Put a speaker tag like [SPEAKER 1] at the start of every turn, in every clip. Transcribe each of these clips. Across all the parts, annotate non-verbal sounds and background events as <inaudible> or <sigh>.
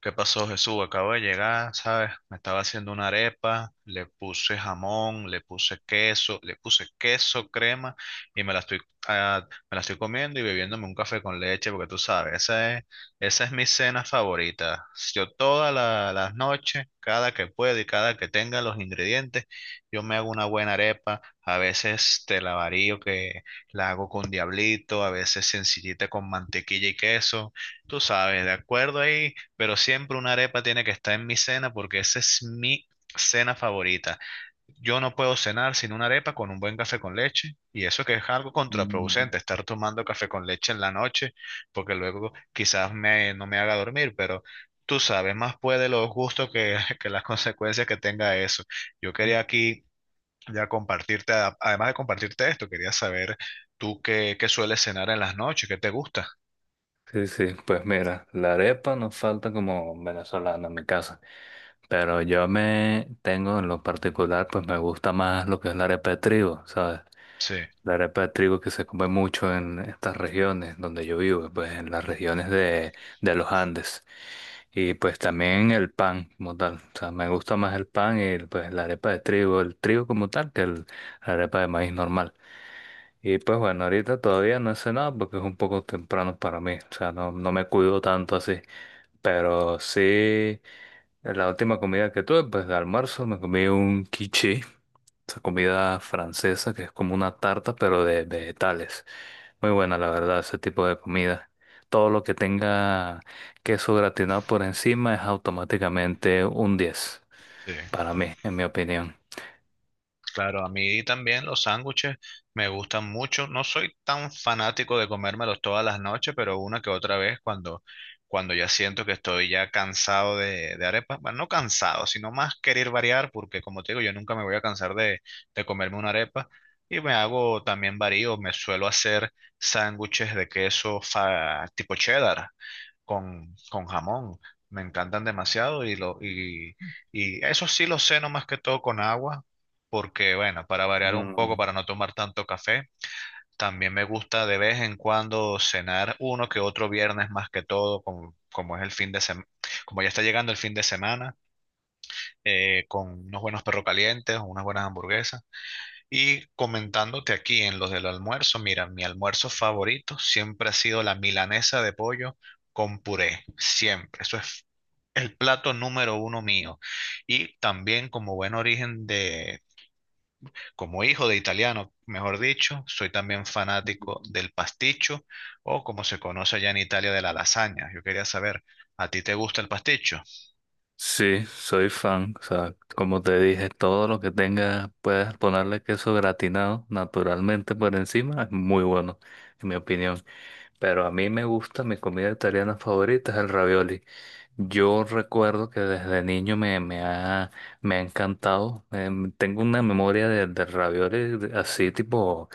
[SPEAKER 1] ¿Qué pasó, Jesús? Acabo de llegar, ¿sabes? Me estaba haciendo una arepa, le puse jamón, le puse queso, crema y me la ah, me la estoy comiendo y bebiéndome un café con leche porque tú sabes, esa es mi cena favorita. Yo todas las noches, cada que puedo y cada que tenga los ingredientes, yo me hago una buena arepa. A veces te la varío que la hago con diablito, a veces sencillita con mantequilla y queso. Tú sabes, de acuerdo ahí, pero siempre una arepa tiene que estar en mi cena porque esa es mi cena favorita. Yo no puedo cenar sin una arepa con un buen café con leche, y eso que es algo
[SPEAKER 2] Mm.
[SPEAKER 1] contraproducente, estar tomando café con leche en la noche porque luego no me haga dormir, pero tú sabes, más puede los gustos <laughs> que las consecuencias que tenga eso. Yo quería aquí ya compartirte, además de compartirte esto, quería saber tú qué sueles cenar en las noches, qué te gusta.
[SPEAKER 2] Sí, sí, pues mira, la arepa nos falta como venezolana en mi casa, pero yo me tengo en lo particular, pues me gusta más lo que, ¿sabes?
[SPEAKER 1] Sí,
[SPEAKER 2] La arepa mucho en estas regiones donde yo vivo, pues en las regiones de los Andes, y pues el pan como tal, ¿sabes? El pan de trigo, el trigo como tal, que el, la arepa de maíz normal. Y pues bueno, ahorita todavía no he cenado porque es un poco temprano para mí, o sea, no, no me cuido tanto así, pero sí. La última comida que tuve, pues de almuerzo, me comí un quiche, esa comida francesa que es como una tarta, pero de vegetales. Muy buena, la verdad, ese tipo de comida. Todo lo que tenga queso gratinado por encima es automáticamente un 10
[SPEAKER 1] sí.
[SPEAKER 2] para mí, en mi opinión.
[SPEAKER 1] Claro, a mí también los sándwiches me gustan mucho. No soy tan fanático de comérmelos todas las noches, pero una que otra vez cuando ya siento que estoy ya cansado de arepas, bueno, no cansado, sino más querer variar, porque como te digo, yo nunca me voy a cansar de comerme una arepa. Y me hago también varío, me suelo hacer sándwiches de queso tipo cheddar con jamón. Me encantan demasiado y eso sí lo ceno más que todo con agua, porque bueno, para variar un poco,
[SPEAKER 2] Mm.
[SPEAKER 1] para no tomar tanto café, también me gusta de vez en cuando cenar uno que otro viernes más que todo, como es el fin de semana, como ya está llegando el fin de semana, con unos buenos perros calientes, unas buenas hamburguesas. Y comentándote aquí en los del almuerzo, mira, mi almuerzo favorito siempre ha sido la milanesa de pollo con puré, siempre. Eso es plato número uno mío. Y también como buen origen como hijo de italiano, mejor dicho, soy también fanático del pasticho o como se conoce allá en Italia de la lasaña. Yo quería saber, ¿a ti te gusta el pasticho?
[SPEAKER 2] Sí, soy fan. O sea, como te dije, todo lo que tenga, puedes ponerle queso gratinado naturalmente por encima, es muy bueno, en mi opinión. Pero a mí me gusta, mi comida italiana favorita es el ravioli. Yo recuerdo que desde niño me ha encantado. Tengo una memoria de ravioli así tipo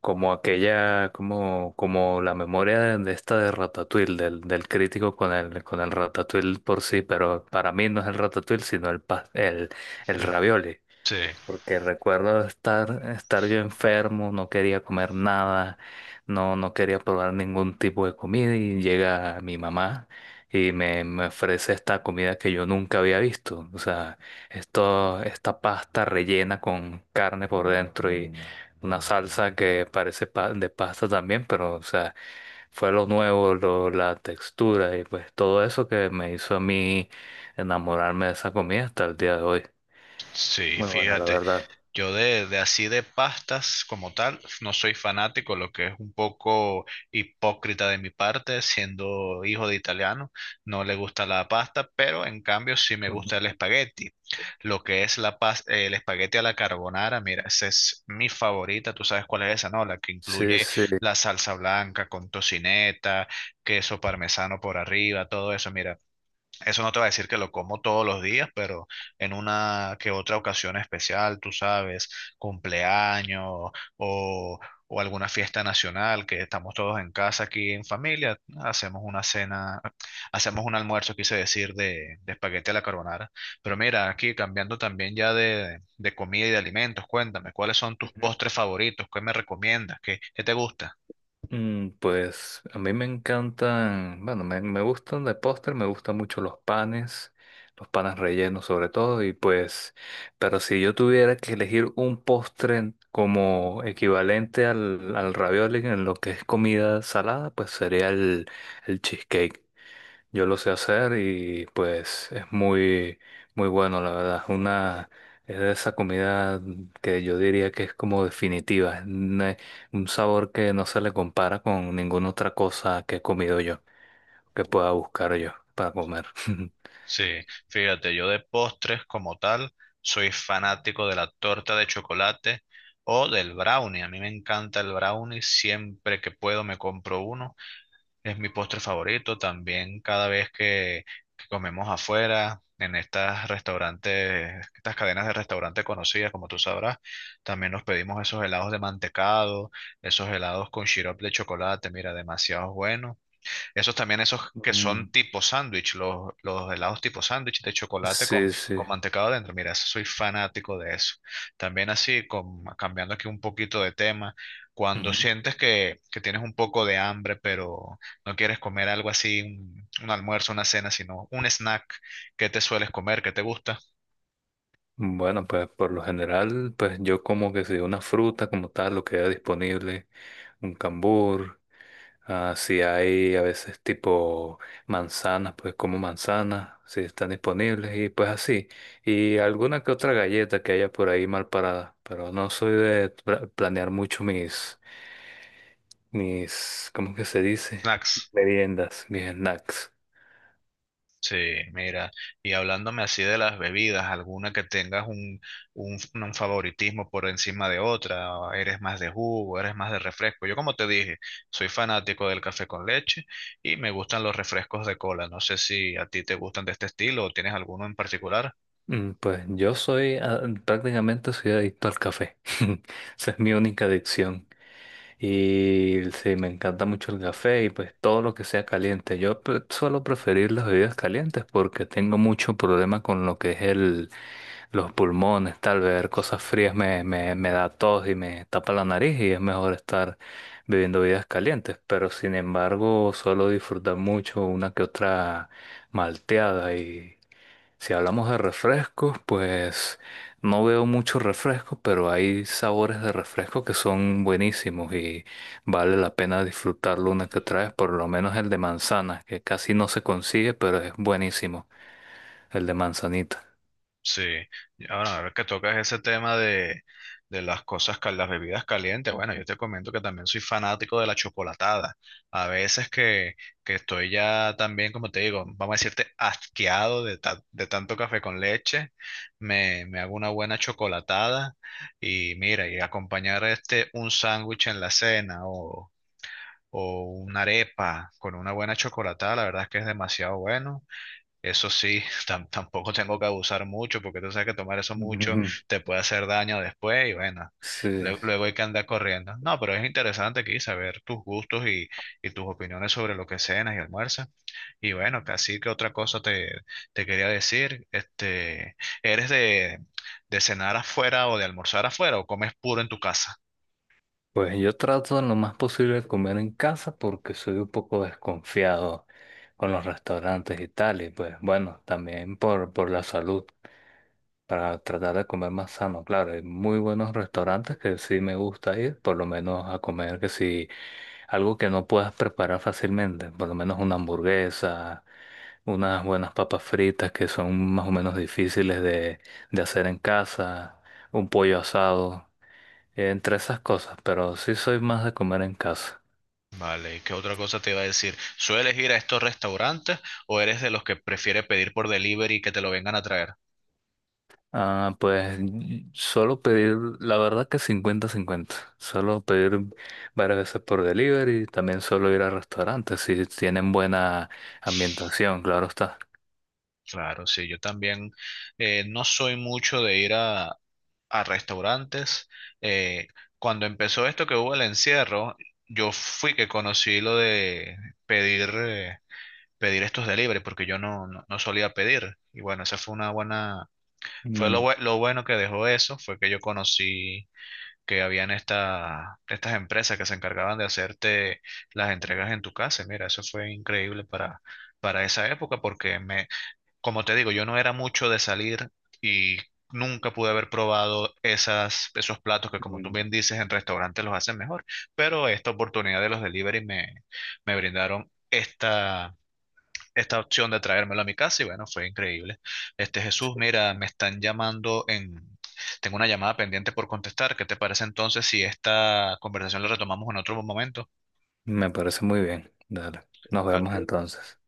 [SPEAKER 2] como aquella, como, como la memoria de esta de Ratatouille, del crítico con el Ratatouille por sí, pero para mí no es el Ratatouille, sino el, pas- el,
[SPEAKER 1] <laughs>
[SPEAKER 2] el ravioli.
[SPEAKER 1] Sí.
[SPEAKER 2] Porque recuerdo estar yo enfermo, no quería comer nada, no, no quería probar ningún tipo de comida y llega mi mamá y me ofrece esta comida que yo nunca había visto. O sea, esto, esta pasta rellena con carne por dentro y una salsa que parece de pasta también, pero o sea, fue lo nuevo, la textura y pues todo eso que me hizo a mí enamorarme de esa comida hasta el día de hoy.
[SPEAKER 1] Sí,
[SPEAKER 2] Muy bueno, la
[SPEAKER 1] fíjate,
[SPEAKER 2] verdad.
[SPEAKER 1] yo de así de pastas como tal, no soy fanático, lo que es un poco hipócrita de mi parte, siendo hijo de italiano, no le gusta la pasta, pero en cambio sí me gusta el espagueti. Lo que es la el espagueti a la carbonara, mira, esa es mi favorita, tú sabes cuál es esa, ¿no? La que
[SPEAKER 2] Sí,
[SPEAKER 1] incluye
[SPEAKER 2] sí.
[SPEAKER 1] la salsa blanca con tocineta, queso parmesano por arriba, todo eso, mira. Eso no te va a decir que lo como todos los días, pero en una que otra ocasión especial, tú sabes, cumpleaños o, o alguna fiesta nacional, que estamos todos en casa aquí en familia, hacemos una cena, hacemos un almuerzo, quise decir, de espagueti a la carbonara. Pero mira, aquí cambiando también ya de comida y de alimentos, cuéntame, ¿cuáles son tus
[SPEAKER 2] Ujú.
[SPEAKER 1] postres favoritos? ¿Qué me recomiendas? ¿ qué te gusta?
[SPEAKER 2] Pues a mí me encantan, bueno, me gustan de postre, me gustan mucho los panes rellenos sobre todo, y pues, pero si yo tuviera que elegir un postre como equivalente al ravioli en lo que es comida salada, pues sería el cheesecake. Yo lo sé hacer y pues es muy, muy bueno, la verdad. Una es de esa comida que yo diría que es como definitiva, un sabor que no se le compara con ninguna otra cosa que he comido yo, que pueda buscar yo para comer. <laughs>
[SPEAKER 1] Sí, fíjate, yo de postres como tal soy fanático de la torta de chocolate o del brownie. A mí me encanta el brownie, siempre que puedo me compro uno. Es mi postre favorito también cada vez que comemos afuera, en estas restaurantes, estas cadenas de restaurantes conocidas, como tú sabrás, también nos pedimos esos helados de mantecado, esos helados con sirope de chocolate, mira, demasiado bueno. Esos también, esos que
[SPEAKER 2] Mm.
[SPEAKER 1] son tipo sándwich, los helados tipo sándwich de chocolate
[SPEAKER 2] Sí, sí.
[SPEAKER 1] con mantecado adentro. Mira, eso soy fanático de eso. También así, con, cambiando aquí un poquito de tema, cuando
[SPEAKER 2] Ujú.
[SPEAKER 1] sientes que tienes un poco de hambre, pero no quieres comer algo así, un almuerzo, una cena, sino un snack, ¿qué te sueles comer? ¿Qué te gusta?
[SPEAKER 2] Bueno, pues por lo general, pues yo como que si una fruta como tal, lo que haya disponible, un cambur. Ah, si hay a veces tipo manzanas, pues como manzanas, si están disponibles y pues así. Y alguna que otra galleta que haya por ahí mal parada, pero no soy de planear mucho mis, ¿cómo que se dice?
[SPEAKER 1] Snacks.
[SPEAKER 2] Meriendas, mis snacks.
[SPEAKER 1] Sí, mira, y hablándome así de las bebidas, ¿alguna que tengas un favoritismo por encima de otra? ¿O ¿eres más de jugo, eres más de refresco? Yo como te dije, soy fanático del café con leche y me gustan los refrescos de cola. No sé si a ti te gustan de este estilo o tienes alguno en particular.
[SPEAKER 2] Pues yo soy, prácticamente soy adicto al café. <laughs> Esa es mi única adicción. Y sí, me encanta mucho el café y pues todo lo que sea caliente. Yo suelo preferir las bebidas calientes porque tengo mucho problema con lo que es el, los pulmones, tal vez cosas frías me da tos y me tapa la nariz y es mejor estar bebiendo bebidas calientes. Pero sin embargo, suelo disfrutar mucho una que otra malteada y si hablamos de refrescos, pues no veo muchos refrescos, pero hay sabores de refresco que son buenísimos y vale la pena disfrutarlo una que otra vez, por lo menos el de manzana, que casi no se consigue, pero es buenísimo, el de manzanita.
[SPEAKER 1] Sí, y ahora a ver que tocas ese tema de las cosas, las bebidas calientes. Bueno, yo te comento que también soy fanático de la chocolatada. A veces que estoy ya también, como te digo, vamos a decirte, asqueado de, de tanto café con leche, me hago una buena chocolatada y mira, y acompañar este un sándwich en la cena o una arepa con una buena chocolatada, la verdad es que es demasiado bueno. Eso sí, <laughs> tampoco tengo que abusar mucho, porque tú sabes que tomar eso mucho
[SPEAKER 2] Ujú. <laughs>
[SPEAKER 1] te puede hacer daño después y bueno,
[SPEAKER 2] Sí,
[SPEAKER 1] luego hay que andar corriendo. No, pero es interesante aquí saber tus gustos y tus opiniones sobre lo que cenas y almuerzas. Y bueno, así que otra cosa te quería decir, este, ¿eres de cenar afuera o de almorzar afuera o comes puro en tu casa?
[SPEAKER 2] pues yo trato en lo más posible de comer en casa porque soy un poco desconfiado con los restaurantes y tal, y pues bueno, también por la salud. Para tratar de comer más sano. Claro, hay muy buenos restaurantes que sí me gusta ir, por lo menos a comer que si algo que no puedas preparar fácilmente, por lo menos una hamburguesa, unas buenas papas fritas que son más o menos difíciles de hacer en casa, un pollo asado, entre esas cosas, pero sí soy más de comer en casa.
[SPEAKER 1] Vale, ¿y qué otra cosa te iba a decir? ¿Sueles ir a estos restaurantes o eres de los que prefiere pedir por delivery y que te lo vengan a traer?
[SPEAKER 2] Ah, pues solo pedir, la verdad que 50/50. Solo pedir varias veces por delivery, también solo ir a restaurantes si tienen buena ambientación, claro está.
[SPEAKER 1] Claro, sí, yo también, no soy mucho de ir a restaurantes. Eh, cuando empezó esto que hubo el encierro, yo fui que conocí lo de pedir, pedir estos delivery, porque yo no solía pedir. Y bueno, esa fue una buena, fue lo,
[SPEAKER 2] Mm,
[SPEAKER 1] lo bueno que dejó eso, fue que yo conocí que habían esta, estas empresas que se encargaban de hacerte las entregas en tu casa. Mira, eso fue increíble para esa época, porque como te digo, yo no era mucho de salir y nunca pude haber probado esas, esos platos que, como tú
[SPEAKER 2] mm,
[SPEAKER 1] bien dices, en restaurantes los hacen mejor. Pero esta oportunidad de los delivery me brindaron esta, esta opción de traérmelo a mi casa y bueno, fue increíble. Este Jesús, mira, me están llamando en... Tengo una llamada pendiente por contestar. ¿Qué te parece entonces si esta conversación la retomamos en otro momento?
[SPEAKER 2] Me parece muy bien. Dale, nos
[SPEAKER 1] Ah,
[SPEAKER 2] vemos entonces.